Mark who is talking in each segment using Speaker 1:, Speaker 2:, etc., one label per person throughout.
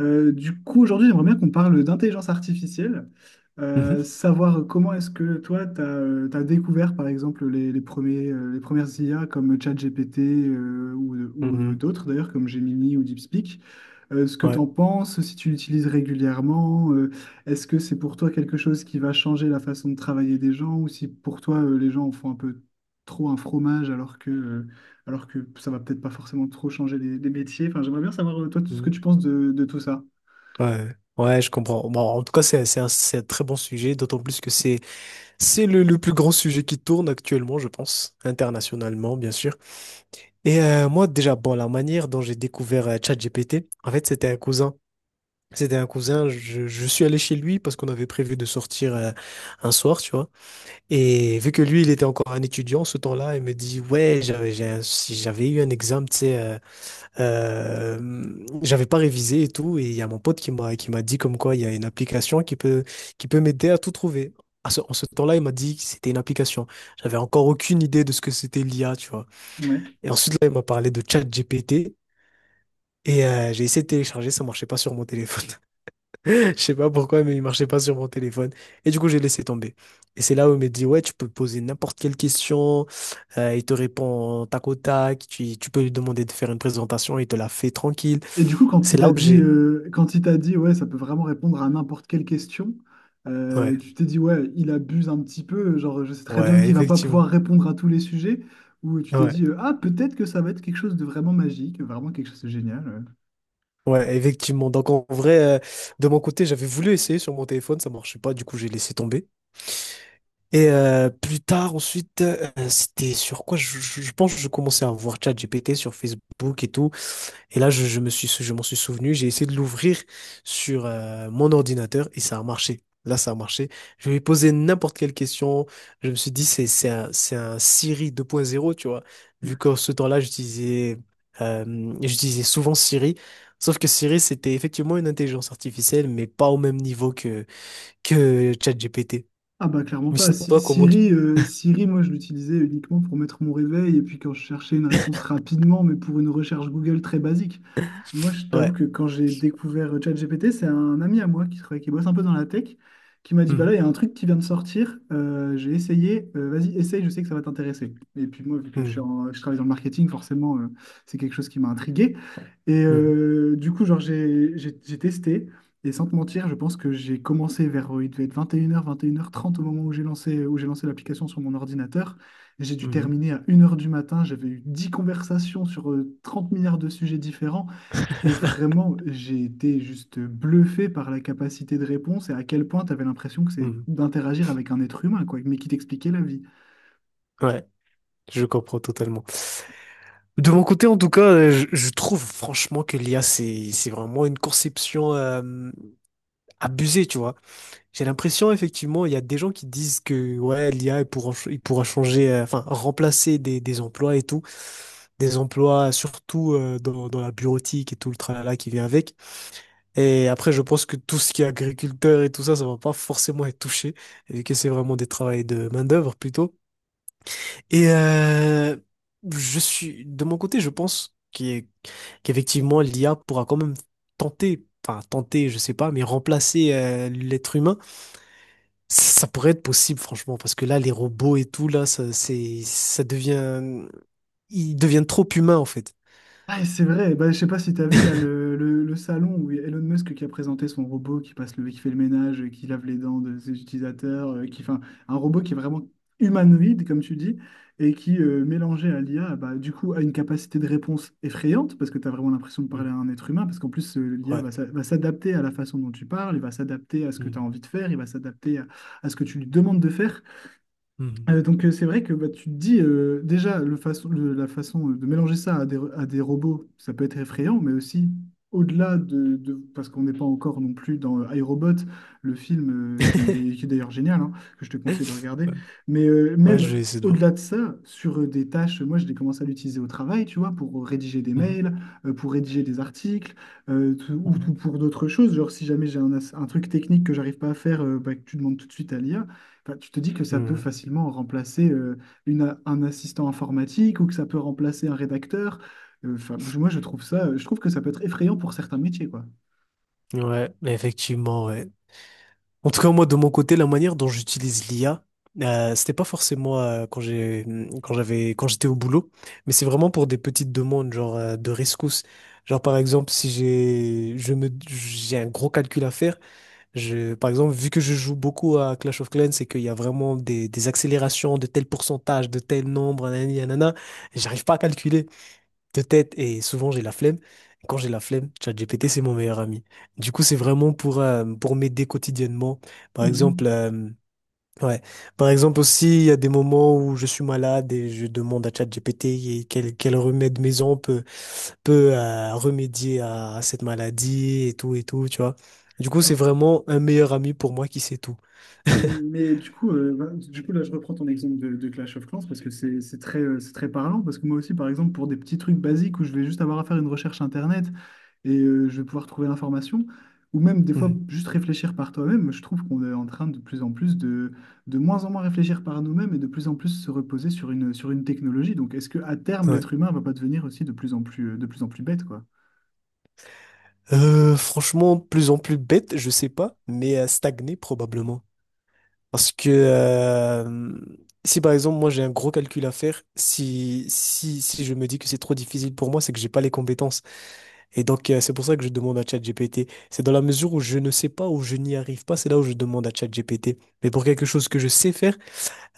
Speaker 1: Du coup, aujourd'hui, j'aimerais bien qu'on parle d'intelligence artificielle.
Speaker 2: Mhm.
Speaker 1: Savoir comment est-ce que toi, tu as découvert, par exemple, les premières IA comme ChatGPT, ou,
Speaker 2: Mhm.
Speaker 1: d'autres, d'ailleurs, comme Gemini ou DeepSpeak. Ce que tu
Speaker 2: Ouais.
Speaker 1: en penses, si tu l'utilises régulièrement. Est-ce que c'est pour toi quelque chose qui va changer la façon de travailler des gens, ou si pour toi, les gens en font un peu trop un fromage, alors que ça va peut-être pas forcément trop changer les métiers. Enfin, j'aimerais bien savoir, toi, tout ce que tu
Speaker 2: Mhm.
Speaker 1: penses de tout ça.
Speaker 2: Ouais. Ouais, je comprends. Bon, en tout cas, c'est un très bon sujet, d'autant plus que c'est le plus grand sujet qui tourne actuellement, je pense, internationalement, bien sûr. Et moi, déjà, bon, la manière dont j'ai découvert ChatGPT, en fait, c'était un cousin. C'était un cousin, je suis allé chez lui parce qu'on avait prévu de sortir un soir, tu vois. Et vu que lui, il était encore un étudiant ce temps-là, il me dit, ouais, si j'avais eu un examen, tu sais, Euh, j'avais pas révisé et tout, et il y a mon pote qui m'a dit comme quoi il y a une application qui peut m'aider à tout trouver. En ce temps-là, il m'a dit que c'était une application. J'avais encore aucune idée de ce que c'était l'IA, tu vois.
Speaker 1: Ouais.
Speaker 2: Et ensuite là, il m'a parlé de ChatGPT et j'ai essayé de télécharger, ça marchait pas sur mon téléphone. Je sais pas pourquoi, mais il marchait pas sur mon téléphone. Et du coup, j'ai laissé tomber. Et c'est là où il m'a dit, ouais, tu peux poser n'importe quelle question, il te répond tac au tac, tu peux lui demander de faire une présentation, il te la fait tranquille.
Speaker 1: Et du coup,
Speaker 2: C'est là où j'ai.
Speaker 1: quand il t'a dit, ouais, ça peut vraiment répondre à n'importe quelle question.
Speaker 2: Ouais,
Speaker 1: Tu t'es dit, ouais, il abuse un petit peu, genre, je sais très bien
Speaker 2: ouais,
Speaker 1: qu'il va pas pouvoir
Speaker 2: effectivement.
Speaker 1: répondre à tous les sujets? Ou tu t'es
Speaker 2: Ouais,
Speaker 1: dit, ah, peut-être que ça va être quelque chose de vraiment magique, vraiment quelque chose de génial. Ouais.
Speaker 2: ouais, effectivement. Donc en vrai, de mon côté, j'avais voulu essayer sur mon téléphone, ça marchait pas, du coup j'ai laissé tomber. Et plus tard, ensuite, c'était sur quoi? Je pense que je commençais à voir ChatGPT sur Facebook et tout. Et là, je m'en suis souvenu, j'ai essayé de l'ouvrir sur mon ordinateur et ça a marché. Là, ça a marché. Je lui ai posé n'importe quelle question. Je me suis dit, c'est un Siri 2.0, tu vois. Vu qu'en ce temps-là, j'utilisais souvent Siri. Sauf que Siri, c'était effectivement une intelligence artificielle, mais pas au même niveau que ChatGPT.
Speaker 1: Ah bah clairement
Speaker 2: Mais
Speaker 1: pas.
Speaker 2: sinon, toi, comment tu.
Speaker 1: Siri, moi je l'utilisais uniquement pour mettre mon réveil et puis quand je cherchais une réponse rapidement, mais pour une recherche Google très basique. Moi, je t'avoue
Speaker 2: Ouais.
Speaker 1: que quand j'ai découvert ChatGPT, c'est un ami à moi qui travaille, qui bosse un peu dans la tech, qui m'a dit, bah
Speaker 2: Mhm.
Speaker 1: là, il y a un truc qui vient de sortir. J'ai essayé, vas-y, essaye, je sais que ça va t'intéresser. Et puis moi, vu que je, suis
Speaker 2: Mhm.
Speaker 1: en- je travaille dans le marketing, forcément, c'est quelque chose qui m'a intrigué.
Speaker 2: Mhm.
Speaker 1: Du coup, genre, j'ai testé, et sans te mentir, je pense que j'ai commencé vers, il devait être 21 h, 21 h 30 au moment où j'ai lancé l'application sur mon ordinateur. J'ai dû
Speaker 2: Mhm.
Speaker 1: terminer à une heure du matin, j'avais eu 10 conversations sur 30 milliards de sujets différents. Et vraiment, j'ai été juste bluffé par la capacité de réponse et à quel point tu avais l'impression que c'est
Speaker 2: Mhm.
Speaker 1: d'interagir avec un être humain, quoi, mais qui t'expliquait la vie.
Speaker 2: Ouais, je comprends totalement. De mon côté, en tout cas, je trouve franchement que l'IA, c'est vraiment une conception abusée, tu vois. J'ai l'impression, effectivement, il y a des gens qui disent que ouais, l'IA, il pourra changer, enfin, remplacer des emplois et tout, des emplois surtout dans la bureautique et tout le tralala qui vient avec. Et après, je pense que tout ce qui est agriculteur et tout ça, ça va pas forcément être touché, vu que c'est vraiment des travails de main-d'œuvre plutôt. Et je suis de mon côté, je pense qu'effectivement l'IA pourra quand même tenter, enfin tenter, je sais pas, mais remplacer l'être humain. Ça pourrait être possible, franchement, parce que là, les robots et tout, là, ça, c'est, ça devient, ils deviennent trop humains en fait.
Speaker 1: Ah, et c'est vrai, bah, je sais pas si tu as vu là le salon où il y a Elon Musk qui a présenté son robot qui fait le ménage, qui lave les dents de ses utilisateurs, un robot qui est vraiment humanoïde, comme tu dis, et qui, mélangé à l'IA, bah, du coup, a une capacité de réponse effrayante, parce que tu as vraiment l'impression de parler
Speaker 2: Mm.
Speaker 1: à un être humain, parce qu'en plus, l'IA
Speaker 2: Ouais.
Speaker 1: va s'adapter à la façon dont tu parles, il va s'adapter à ce que tu as
Speaker 2: Mm.
Speaker 1: envie de faire, il va s'adapter à ce que tu lui demandes de faire.
Speaker 2: Mhm.
Speaker 1: Donc c'est vrai que bah, tu te dis, déjà la façon, de mélanger ça à des robots, ça peut être effrayant, mais aussi au-delà parce qu'on n'est pas encore non plus dans iRobot, le film, qui est d'ailleurs génial, hein, que je te conseille de regarder,
Speaker 2: Ouais,
Speaker 1: mais
Speaker 2: ouais, je
Speaker 1: même
Speaker 2: vais essayer de voir.
Speaker 1: au-delà de ça, sur des tâches. Moi je l'ai commencé à l'utiliser au travail, tu vois, pour rédiger des mails, pour rédiger des articles,
Speaker 2: Mhm.
Speaker 1: ou
Speaker 2: Mhm.
Speaker 1: pour d'autres choses, genre si jamais j'ai un truc technique que j'arrive pas à faire, bah, que tu demandes tout de suite à l'IA. Enfin, tu te dis que ça peut facilement remplacer un assistant informatique, ou que ça peut remplacer un rédacteur. Enfin, moi, je trouve que ça peut être effrayant pour certains métiers, quoi.
Speaker 2: Mhm. Ouais, mais effectivement, ouais. En tout cas, moi, de mon côté, la manière dont j'utilise l'IA, c'était pas forcément quand j'étais au boulot, mais c'est vraiment pour des petites demandes, genre de rescousse. Genre, par exemple, si j'ai, je me, j'ai un gros calcul à faire, par exemple, vu que je joue beaucoup à Clash of Clans et qu'il y a vraiment des accélérations de tel pourcentage, de tel nombre, nanani, nanana, j'arrive pas à calculer de tête et souvent j'ai la flemme. Et quand j'ai la flemme, ChatGPT, c'est mon meilleur ami. Du coup, c'est vraiment pour m'aider quotidiennement. Par
Speaker 1: Mhm.
Speaker 2: exemple, ouais. Par exemple aussi, il y a des moments où je suis malade et je demande à ChatGPT et quel remède maison peut remédier à cette maladie et tout, tu vois. Du coup, c'est vraiment un meilleur ami pour moi qui sait tout.
Speaker 1: Mais du coup, là, je reprends ton exemple de Clash of Clans, parce que c'est très parlant. Parce que moi aussi, par exemple, pour des petits trucs basiques où je vais juste avoir à faire une recherche internet, et je vais pouvoir trouver l'information, ou même des fois
Speaker 2: Mhm.
Speaker 1: juste réfléchir par toi-même. Je trouve qu'on est en train de plus en plus de moins en moins réfléchir par nous-mêmes et de plus en plus se reposer sur une technologie. Donc, est-ce que à terme,
Speaker 2: Ouais.
Speaker 1: l'être humain va pas devenir aussi de plus en plus bête, quoi?
Speaker 2: Franchement, plus en plus bête, je sais pas, mais stagner probablement. Parce que si par exemple moi j'ai un gros calcul à faire, si je me dis que c'est trop difficile pour moi, c'est que j'ai pas les compétences. Et donc c'est pour ça que je demande à ChatGPT. C'est dans la mesure où je ne sais pas ou je n'y arrive pas, c'est là où je demande à ChatGPT. Mais pour quelque chose que je sais faire,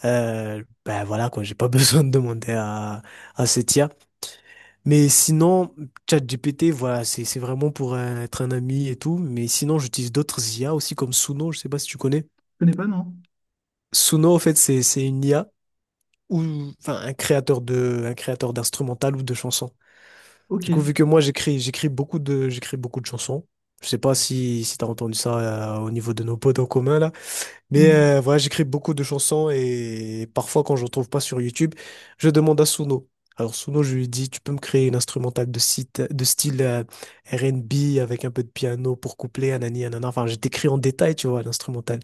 Speaker 2: ben voilà quoi, j'ai pas besoin de demander à cette IA. Mais sinon ChatGPT, voilà, c'est vraiment pour être un ami et tout. Mais sinon j'utilise d'autres IA aussi comme Suno, je sais pas si tu connais.
Speaker 1: Je connais pas, non?
Speaker 2: Suno en fait c'est une IA ou enfin un créateur d'instrumental ou de chansons.
Speaker 1: Ok,
Speaker 2: Du coup, vu que moi j'écris beaucoup de chansons. Je sais pas si t'as entendu ça au niveau de nos potes en commun là, mais
Speaker 1: oui.
Speaker 2: voilà, j'écris beaucoup de chansons et parfois quand je ne trouve pas sur YouTube, je demande à Suno. Alors Suno, je lui dis tu peux me créer une instrumentale de site de style R&B avec un peu de piano pour coupler anani anana. Enfin, je décris en détail, tu vois, l'instrumental.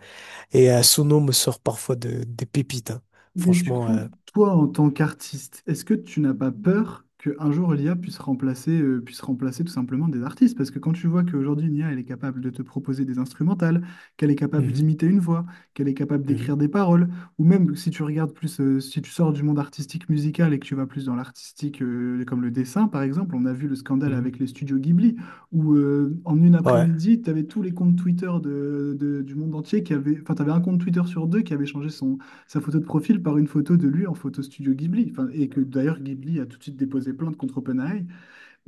Speaker 2: Et Suno me sort parfois de des pépites, hein.
Speaker 1: Mais du
Speaker 2: Franchement,
Speaker 1: coup,
Speaker 2: euh,
Speaker 1: toi, en tant qu'artiste, est-ce que tu n'as pas peur qu'un jour l'IA puisse remplacer, tout simplement des artistes? Parce que quand tu vois qu'aujourd'hui, une IA, elle est capable de te proposer des instrumentales, qu'elle est capable
Speaker 2: Mhm,
Speaker 1: d'imiter une voix, qu'elle est capable
Speaker 2: mhm.
Speaker 1: d'écrire des paroles, ou même si tu regardes plus, si tu sors du monde artistique musical et que tu vas plus dans l'artistique, comme le dessin, par exemple. On a vu le scandale
Speaker 2: Mhm.
Speaker 1: avec les studios Ghibli, où en une
Speaker 2: Ouais,
Speaker 1: après-midi, tu avais tous les comptes Twitter du monde entier qui avaient, enfin, tu avais un compte Twitter sur deux qui avait changé son sa photo de profil par une photo de lui en photo studio Ghibli. Enfin, et que d'ailleurs Ghibli a tout de suite déposé plainte contre OpenAI.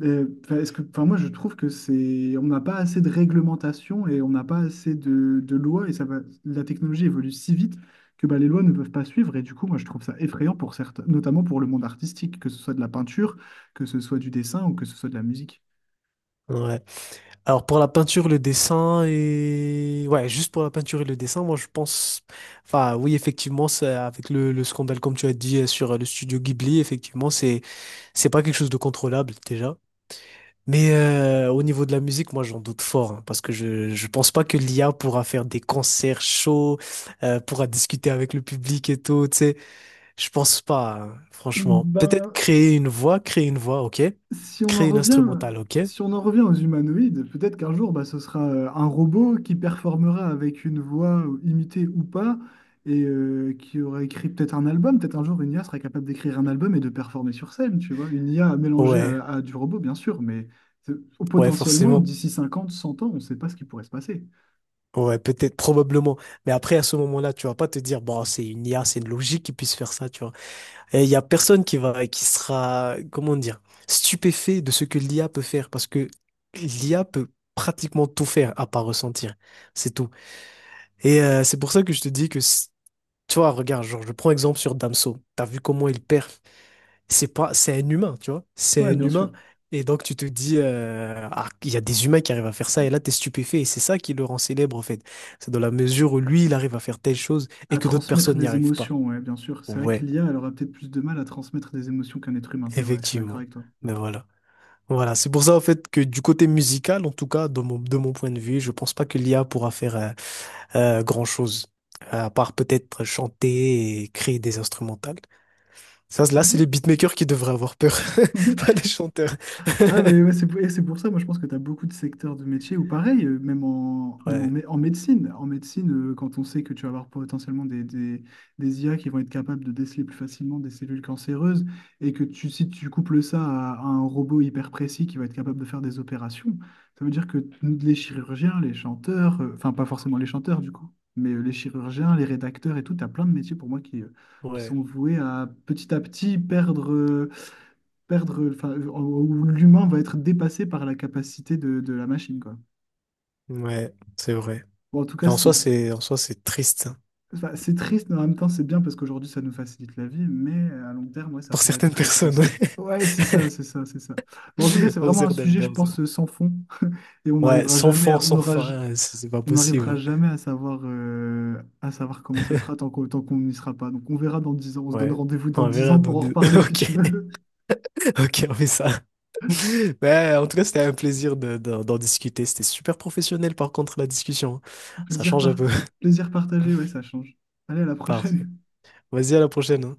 Speaker 1: Moi je trouve que c'est, on n'a pas assez de réglementation et on n'a pas assez de lois, et ça va, la technologie évolue si vite que bah, les lois ne peuvent pas suivre. Et du coup, moi je trouve ça effrayant pour certains, notamment pour le monde artistique, que ce soit de la peinture, que ce soit du dessin ou que ce soit de la musique.
Speaker 2: ouais. Alors pour la peinture, le dessin et ouais, juste pour la peinture et le dessin, moi je pense, enfin oui effectivement, c'est avec le, scandale comme tu as dit sur le studio Ghibli, effectivement c'est pas quelque chose de contrôlable déjà. Mais au niveau de la musique, moi j'en doute fort hein, parce que je pense pas que l'IA pourra faire des concerts chauds, pourra discuter avec le public et tout. Tu sais, je pense pas hein, franchement. Peut-être
Speaker 1: Ben,
Speaker 2: créer une voix, ok.
Speaker 1: Si on en
Speaker 2: Créer une
Speaker 1: revient,
Speaker 2: instrumentale, ok.
Speaker 1: si on en revient aux humanoïdes, peut-être qu'un jour, bah, ce sera un robot qui performera avec une voix imitée ou pas, et qui aura écrit peut-être un album. Peut-être un jour, une IA sera capable d'écrire un album et de performer sur scène, tu vois. Une IA mélangée
Speaker 2: Ouais,
Speaker 1: à du robot, bien sûr, mais euh,
Speaker 2: ouais,
Speaker 1: potentiellement,
Speaker 2: forcément.
Speaker 1: d'ici 50, 100 ans, on ne sait pas ce qui pourrait se passer.
Speaker 2: Ouais, peut-être, probablement. Mais après, à ce moment-là, tu vas pas te dire, bon, c'est une IA, c'est une logique qui puisse faire ça, tu vois. Et il y a personne qui va, qui sera, comment dire, stupéfait de ce que l'IA peut faire parce que l'IA peut pratiquement tout faire à part ressentir. C'est tout. Et c'est pour ça que je te dis que, tu vois, regarde, genre, je prends exemple sur Damso. T'as vu comment il perd, c'est pas, c'est un humain, tu vois. C'est
Speaker 1: Ouais,
Speaker 2: un
Speaker 1: bien
Speaker 2: humain.
Speaker 1: sûr.
Speaker 2: Et donc, tu te dis, ah, il y a des humains qui arrivent à faire ça, et là, t'es stupéfait. Et c'est ça qui le rend célèbre, en fait. C'est dans la mesure où lui, il arrive à faire telle chose et
Speaker 1: À
Speaker 2: que d'autres
Speaker 1: transmettre
Speaker 2: personnes n'y
Speaker 1: des
Speaker 2: arrivent pas.
Speaker 1: émotions, ouais, bien sûr. C'est vrai que
Speaker 2: Ouais,
Speaker 1: l'IA, elle aura peut-être plus de mal à transmettre des émotions qu'un être humain. C'est vrai, je suis d'accord
Speaker 2: effectivement.
Speaker 1: avec toi.
Speaker 2: Mais voilà. Voilà. C'est pour ça, en fait, que du côté musical, en tout cas, de mon point de vue, je pense pas que l'IA pourra faire grand-chose. À part peut-être chanter et créer des instrumentales. Ça, là, c'est les beatmakers qui devraient avoir peur,
Speaker 1: Ouais.
Speaker 2: pas les chanteurs.
Speaker 1: Ah, mais ouais, c'est pour ça, moi je pense que tu as beaucoup de secteurs de métiers où pareil, même en, même en,
Speaker 2: Ouais.
Speaker 1: mé- en médecine, quand on sait que tu vas avoir potentiellement des IA qui vont être capables de déceler plus facilement des cellules cancéreuses, et que si tu couples ça à un robot hyper précis qui va être capable de faire des opérations, ça veut dire que les chirurgiens, les chanteurs, enfin pas forcément les chanteurs du coup, mais les chirurgiens, les rédacteurs et tout, tu as plein de métiers pour moi qui
Speaker 2: Ouais,
Speaker 1: sont voués à petit perdre, où l'humain va être dépassé par la capacité de la machine, quoi.
Speaker 2: ouais, c'est vrai.
Speaker 1: Bon, en tout
Speaker 2: Et
Speaker 1: cas,
Speaker 2: en soi, en soi, c'est triste, hein.
Speaker 1: c'est triste, mais en même temps, c'est bien parce qu'aujourd'hui, ça nous facilite la vie, mais à long terme, ouais, ça
Speaker 2: Pour
Speaker 1: pourrait être
Speaker 2: certaines
Speaker 1: très
Speaker 2: personnes, ouais.
Speaker 1: triste. Ouais, c'est ça, c'est ça, c'est ça. Bon, en tout cas, c'est
Speaker 2: Pour
Speaker 1: vraiment un
Speaker 2: certaines
Speaker 1: sujet, je
Speaker 2: personnes.
Speaker 1: pense, sans fond. Et
Speaker 2: Ouais, sans fond, sans fin, c'est pas
Speaker 1: on
Speaker 2: possible,
Speaker 1: n'arrivera
Speaker 2: ouais.
Speaker 1: jamais à savoir comment ça sera tant tant qu'on n'y sera pas. Donc, on verra dans 10 ans, on se donne
Speaker 2: Ouais.
Speaker 1: rendez-vous dans
Speaker 2: On
Speaker 1: 10
Speaker 2: verra
Speaker 1: ans
Speaker 2: dans
Speaker 1: pour en
Speaker 2: deux.
Speaker 1: reparler si
Speaker 2: Ok,
Speaker 1: tu veux.
Speaker 2: ok, on fait ça. Ouais, en tout cas, c'était un plaisir d'en discuter. C'était super professionnel, par contre, la discussion, hein. Ça
Speaker 1: Plaisir
Speaker 2: change un
Speaker 1: par-
Speaker 2: peu.
Speaker 1: Plaisir partagé, ouais, ça change. Allez, à la
Speaker 2: Parfait.
Speaker 1: prochaine.
Speaker 2: Vas-y, à la prochaine, hein.